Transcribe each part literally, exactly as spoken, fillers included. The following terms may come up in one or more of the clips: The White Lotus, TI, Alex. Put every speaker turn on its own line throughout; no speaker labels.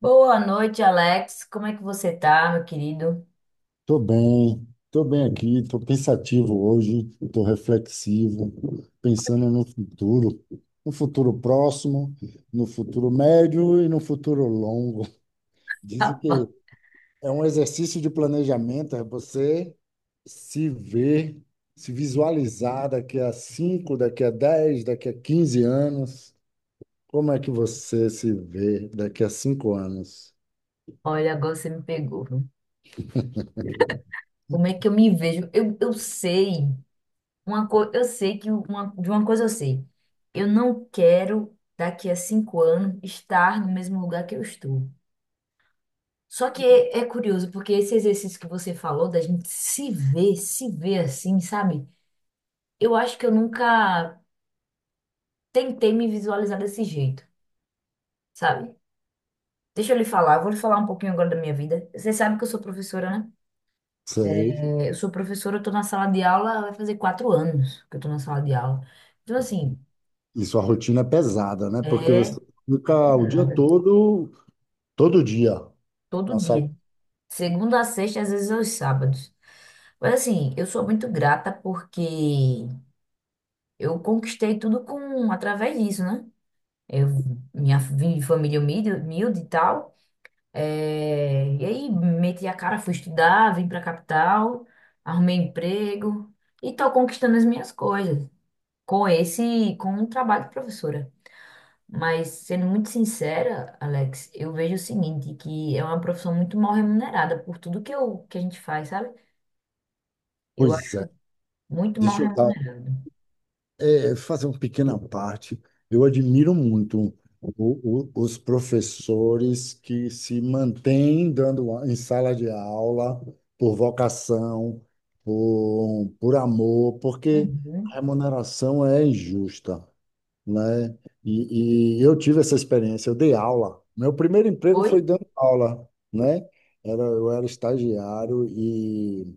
Boa noite, Alex. Como é que você tá, meu querido?
Tô bem, tô bem aqui, tô pensativo hoje, tô reflexivo, pensando no futuro, no futuro próximo, no futuro médio e no futuro longo. Dizem que é um exercício de planejamento, é você se ver, se visualizar daqui a cinco, daqui a dez, daqui a quinze anos. Como é que você se vê daqui a cinco anos?
Olha, agora você me pegou, viu? Como é que eu me vejo? Eu, eu sei uma coisa, eu sei que uma, de uma coisa eu sei. Eu não quero daqui a cinco anos estar no mesmo lugar que eu estou. Só que é, é curioso porque esse exercício que você falou da gente se ver, se ver assim, sabe? Eu acho que eu nunca tentei me visualizar desse jeito, sabe? Deixa eu lhe falar, eu vou lhe falar um pouquinho agora da minha vida. Você sabe que eu sou professora, né?
Sei.
É, Eu sou professora, eu tô na sala de aula, vai fazer quatro anos que eu tô na sala de aula. Então, assim,
E sua rotina é pesada, né? Porque você
é é
fica o dia
pegada.
todo, todo dia
Todo
na sala.
dia. Segunda a sexta, às vezes aos sábados. Mas, assim, eu sou muito grata porque eu conquistei tudo com, através disso, né? Eu, minha vim de família humilde, humilde e tal. É, e aí, meti a cara, fui estudar, vim pra capital, arrumei emprego e tô conquistando as minhas coisas com esse, com o trabalho de professora. Mas, sendo muito sincera, Alex, eu vejo o seguinte, que é uma profissão muito mal remunerada por tudo que, eu, que a gente faz, sabe? Eu
Pois
acho
é,
muito mal
deixa eu dar,
remunerado.
é, fazer uma pequena parte. Eu admiro muito o- o- os professores que se mantêm dando a- em sala de aula por vocação, por, por amor, porque a
Uhum.
remuneração é injusta, né? E, e eu tive essa experiência, eu dei aula. Meu primeiro emprego
Foi?
foi dando aula, né? Era, eu era estagiário e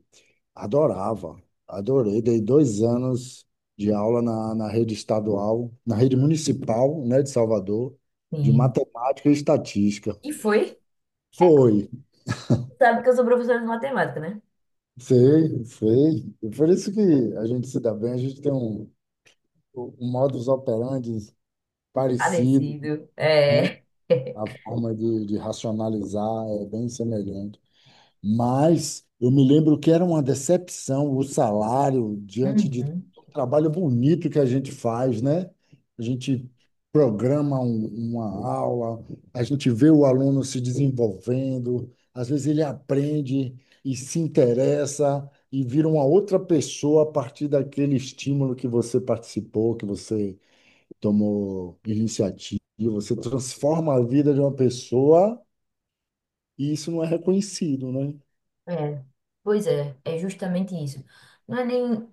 adorava, adorei. Dei dois anos de aula na, na rede estadual, na rede municipal, né, de Salvador, de
Sim.
matemática e estatística.
E foi?
Foi,
Sabe que eu sou professora de matemática, né?
sei, sei. E por isso que a gente se dá bem, a gente tem um, um modus operandi parecido.
Parecido. É.
A forma de, de racionalizar é bem semelhante. Mas eu me lembro que era uma decepção o salário diante de
Uhum.
todo o trabalho bonito que a gente faz, né? A gente programa um- uma aula, a gente vê o aluno se desenvolvendo, às vezes ele aprende e se interessa e vira uma outra pessoa a partir daquele estímulo que você participou, que você tomou iniciativa, você transforma a vida de uma pessoa e isso não é reconhecido, né?
É. Pois é, é justamente isso. Não é nem,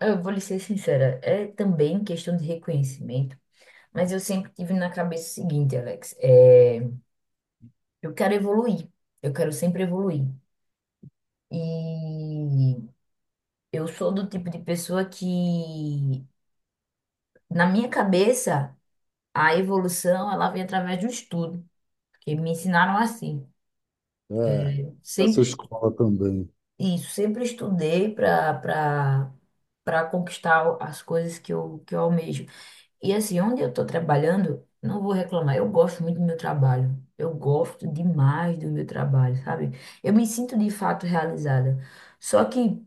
eu vou lhe ser sincera, é também questão de reconhecimento, mas eu sempre tive na cabeça o seguinte, Alex, é... Eu quero evoluir. Eu quero sempre evoluir. E eu sou do tipo de pessoa que, na minha cabeça, a evolução ela vem através do estudo, porque me ensinaram assim.
É, essa
Sempre
escola também.
isso, sempre estudei para para para conquistar as coisas que eu que eu almejo. E assim, onde eu estou trabalhando, não vou reclamar. Eu gosto muito do meu trabalho. Eu gosto demais do meu trabalho, sabe? Eu me sinto de fato realizada. Só que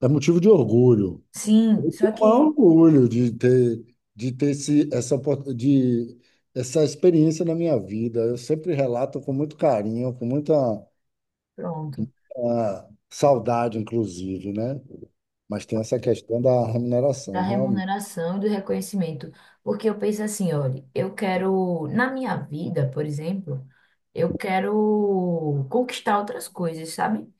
É motivo de orgulho.
Sim,
Um
só
maior
que,
orgulho de ter, de ter esse, essa, opor- de, essa experiência na minha vida. Eu sempre relato com muito carinho, com muita,
pronto,
ah, saudade, inclusive, né? Mas tem essa questão da
da
remuneração, realmente.
remuneração e do reconhecimento. Porque eu penso assim, olha, eu quero, na minha vida, por exemplo, eu quero conquistar outras coisas, sabe?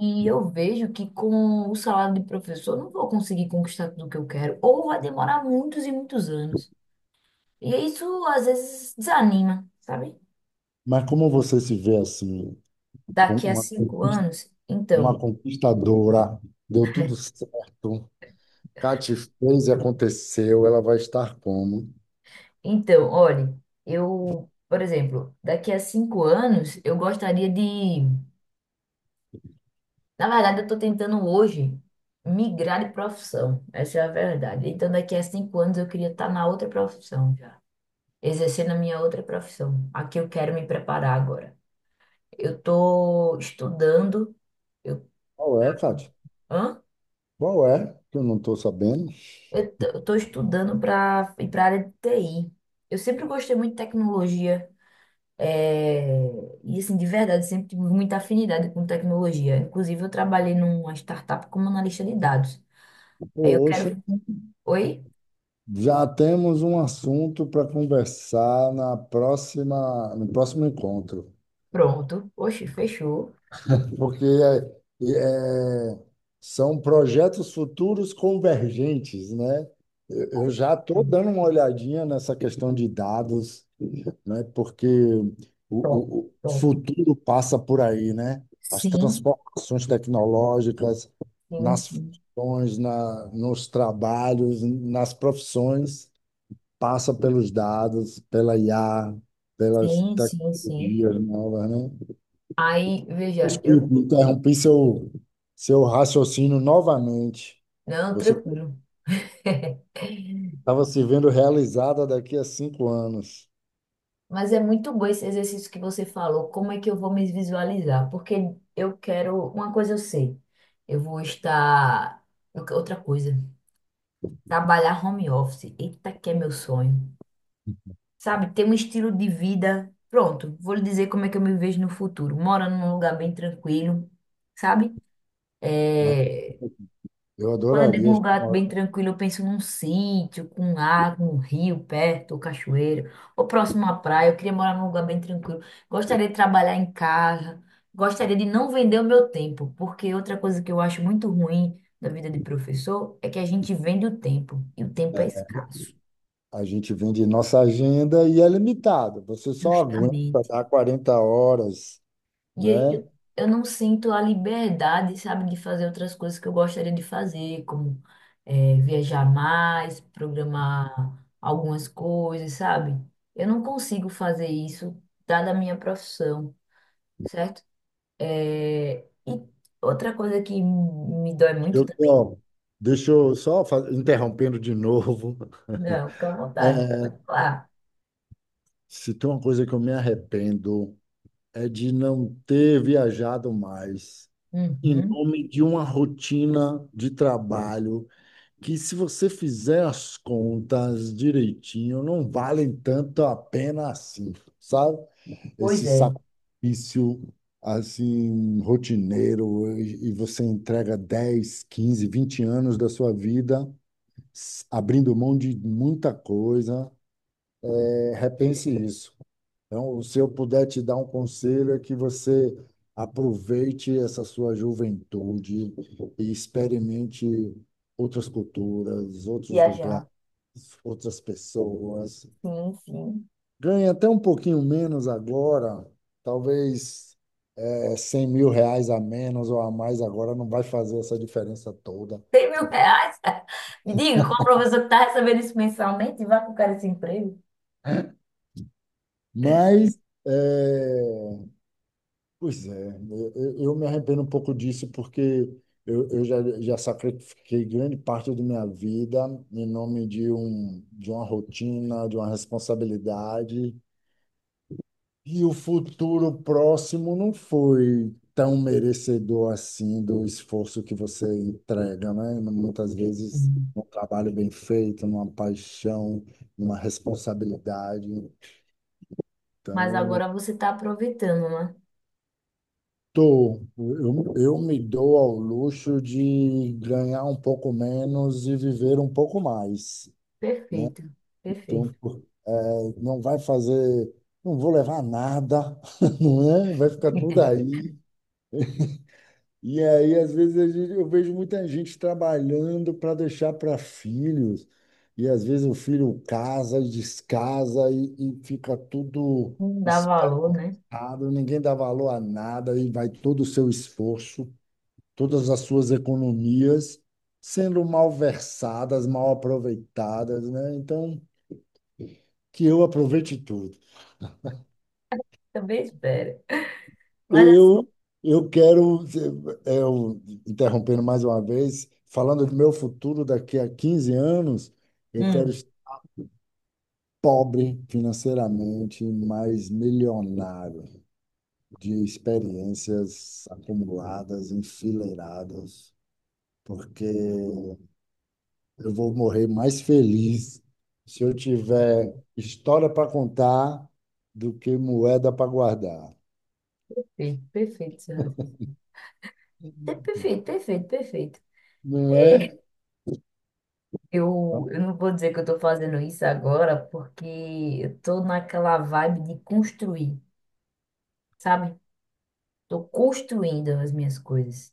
E eu vejo que com o salário de professor eu não vou conseguir conquistar tudo o que eu quero, ou vai demorar muitos e muitos anos. E isso às vezes desanima, sabe?
Mas como você se vê assim, com
Daqui a
uma
cinco anos,
uma
então.
conquistadora, deu tudo certo. Kate fez e aconteceu, ela vai estar como?
Então, olha, eu, por exemplo, daqui a cinco anos, eu gostaria de. Na verdade, eu estou tentando hoje migrar de profissão. Essa é a verdade. Então, daqui a cinco anos, eu queria estar na outra profissão já, exercendo a minha outra profissão. Aqui eu quero me preparar agora. Eu estou estudando. Eu,
Qual é, Kate?
hã?
Qual é? Que eu não estou sabendo.
Eu estou estudando para ir para a área de T I. Eu sempre gostei muito de tecnologia. É, e assim, de verdade, sempre tive muita afinidade com tecnologia. Inclusive, eu trabalhei numa startup como analista de dados. Aí eu
Poxa,
quero. Oi?
já temos um assunto para conversar na próxima, no próximo encontro,
Pronto. Oxe, fechou.
porque é- é- são projetos futuros convergentes, né? Eu eu já estou dando uma olhadinha nessa questão de dados, né? Porque
Top,
o, o o
top.
futuro passa por aí, né? As
Sim,
transformações tecnológicas
sim,
nas
sim,
funções, na, nos trabalhos, nas profissões, passa pelos dados, pela I A, pelas
sim, sim, sim.
tecnologias novas, né?
Aí, veja, eu.
Desculpe, interrompi seu, seu raciocínio novamente.
Não,
Você
tranquilo.
estava se vendo realizada daqui a cinco anos,
Mas é muito bom esse exercício que você falou. Como é que eu vou me visualizar? Porque eu quero. Uma coisa eu sei. Eu vou estar. Outra coisa. Trabalhar home office. Eita, que é meu sonho. Sabe, ter um estilo de vida. Pronto, vou lhe dizer como é que eu me vejo no futuro. Morando num lugar bem tranquilo, sabe?
né?
É,
Eu
Quando eu digo um
adoraria.
lugar bem tranquilo, eu penso num sítio, com água, um rio perto, ou cachoeira, ou próximo à praia. Eu queria morar num lugar bem tranquilo. Gostaria de trabalhar em casa. Gostaria de não vender o meu tempo, porque outra coisa que eu acho muito ruim da vida de professor é que a gente vende o tempo, e o tempo é escasso.
A gente vende nossa agenda e é limitado. Você só aguenta
Justamente.
dar quarenta horas,
E
né?
aí eu não sinto a liberdade, sabe, de fazer outras coisas que eu gostaria de fazer, como eh, viajar mais, programar algumas coisas, sabe? Eu não consigo fazer isso, dada a minha profissão, certo? Eh, e outra coisa que me dói muito
Eu,
também.
ó, deixa eu só fa- interrompendo de novo.
Não, fica à vontade,
É,
pode falar.
Se tem uma coisa que eu me arrependo é de não ter viajado mais, em
Uhum.
nome de uma rotina de trabalho que, se você fizer as contas direitinho, não valem tanto a pena assim, sabe?
Pois
Esse
é,
sacrifício assim rotineiro e e você entrega dez, quinze, vinte anos da sua vida s- abrindo mão de muita coisa. É, repense isso. Então, se eu puder te dar um conselho é que você aproveite essa sua juventude e experimente outras culturas, outros lugares,
viajar.
outras pessoas.
Sim, sim.
Ganhe até um pouquinho menos agora, talvez. É cem mil reais a menos ou a mais agora não vai fazer essa diferença toda.
cem mil reais? Me diga, qual professor que tá recebendo isso mensalmente e vai pro cara esse emprego?
Mas, é, pois é, eu, eu- eu me arrependo um pouco disso porque eu, eu já, já sacrifiquei grande parte da minha vida em nome de, um, de uma rotina, de uma responsabilidade. E o futuro próximo não foi tão merecedor assim do esforço que você entrega, né? Muitas vezes
Hum.
um trabalho bem feito, numa paixão, numa responsabilidade.
Mas
Então,
agora você está aproveitando, né?
tô, eu, eu me dou ao luxo de ganhar um pouco menos e viver um pouco mais, né?
Perfeito,
Então,
perfeito.
eh, não vai fazer, não vou levar nada, não é? Vai ficar tudo aí. E aí, às vezes, a gente- eu vejo muita gente trabalhando para deixar para filhos, e às vezes o filho casa e descasa e, e fica tudo
Não dá valor,
espetado,
né?
ninguém dá valor a nada, e vai todo o seu esforço, todas as suas economias sendo malversadas, mal aproveitadas, né? Então, que eu aproveite tudo.
Também espera. Mas assim,
Eu, eu quero, é, eu, interrompendo mais uma vez, falando do meu futuro daqui a quinze anos, eu quero
hum,
estar pobre financeiramente, mas milionário de experiências acumuladas, enfileiradas, porque eu vou morrer mais feliz se eu tiver história para contar do que moeda para guardar.
perfeito, perfeito, seu raciocínio. É perfeito, perfeito, perfeito.
Não é?
Eu, eu não vou dizer que eu estou fazendo isso agora, porque eu estou naquela vibe de construir, sabe? Estou construindo as minhas coisas.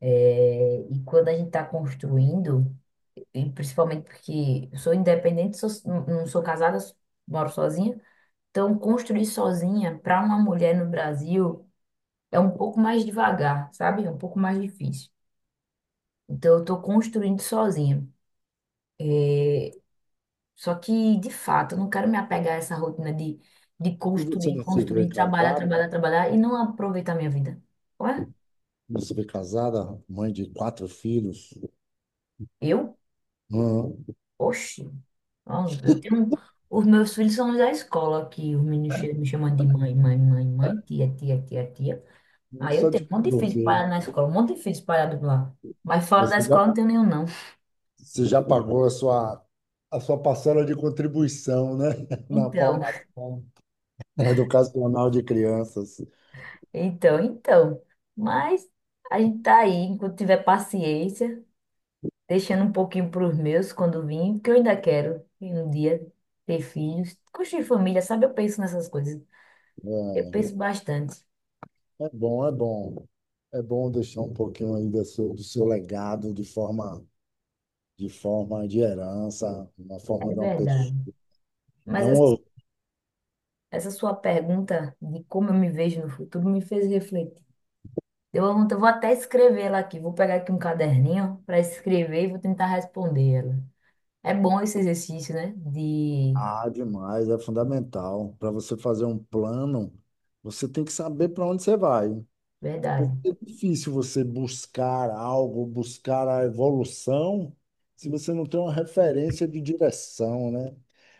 É, e quando a gente está construindo, e principalmente porque eu sou independente, sou- não não sou casada, moro sozinha. Então, construir sozinha para uma mulher no Brasil é um pouco mais devagar, sabe? É um pouco mais difícil. Então, eu estou construindo sozinha. Só que, de fato, eu não quero me apegar a essa rotina de, de
E você
construir,
não se vê
construir, trabalhar,
casado?
trabalhar, trabalhar e não aproveitar a minha vida. Ué?
Você foi casada, mãe de quatro filhos.
Eu?
Hum,
Oxi. Ó, eu tenho... Os meus filhos são da escola aqui. Os meninos che- me chamam de mãe, mãe, mãe, mãe, tia, tia, tia, tia. Aí eu
Só
tenho
de
um monte de filhos
bloqueio.
espalhado na escola, um monte de filhos espalhado lá. Mas fora da
Você já,
escola não tenho nenhum, não.
você já pagou a sua, a sua parcela de contribuição, né? Na
Então,
formação educacional de crianças.
então, então. Mas a gente tá aí, enquanto tiver paciência, deixando um pouquinho para os meus quando vim, porque eu ainda quero ir um dia ter filhos, construir família, sabe? Eu penso nessas coisas. Eu
É,
penso bastante,
é bom, é bom. É bom deixar um pouquinho aí do seu, do seu legado de forma, de forma de herança, na forma
é
de uma
verdade.
pessoa. É
Mas essa,
um
essa sua pergunta de como eu me vejo no futuro me fez refletir. Deu uma vontade, eu vou até escrever ela aqui, vou pegar aqui um caderninho para escrever e vou tentar responder ela. É bom esse exercício, né? De
ah, demais, é fundamental. Para você fazer um plano, você tem que saber para onde você vai.
verdade.
Porque é difícil você buscar algo, buscar a evolução, se você não tem uma referência de direção, né?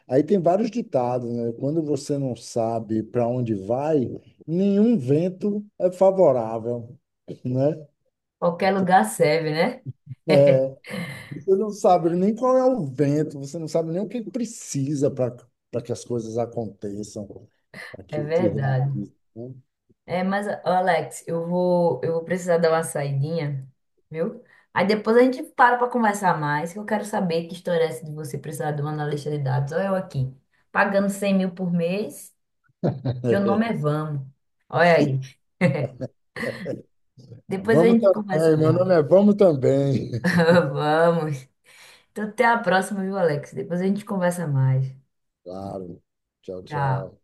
Aí tem vários ditados, né? Quando você não sabe para onde vai, nenhum vento é favorável, né?
Qualquer lugar serve, né?
Você não sabe nem qual é o vento, você não sabe nem o que precisa para para que as coisas aconteçam, para
É
que se
verdade.
realizem, né?
É, mas, ó, Alex, eu vou, eu vou precisar dar uma saidinha, viu? Aí depois a gente para para conversar mais, que eu quero saber que história é essa de você precisar de um analista de dados. Olha eu aqui, pagando cem mil por mês, meu nome é Vamos. Olha aí. Depois a
Vamos
gente conversa
também, meu
mais.
nome é Vamos também.
Vamos. Então até a próxima, viu, Alex? Depois a gente conversa mais.
Claro. Tchau,
Tchau.
tchau.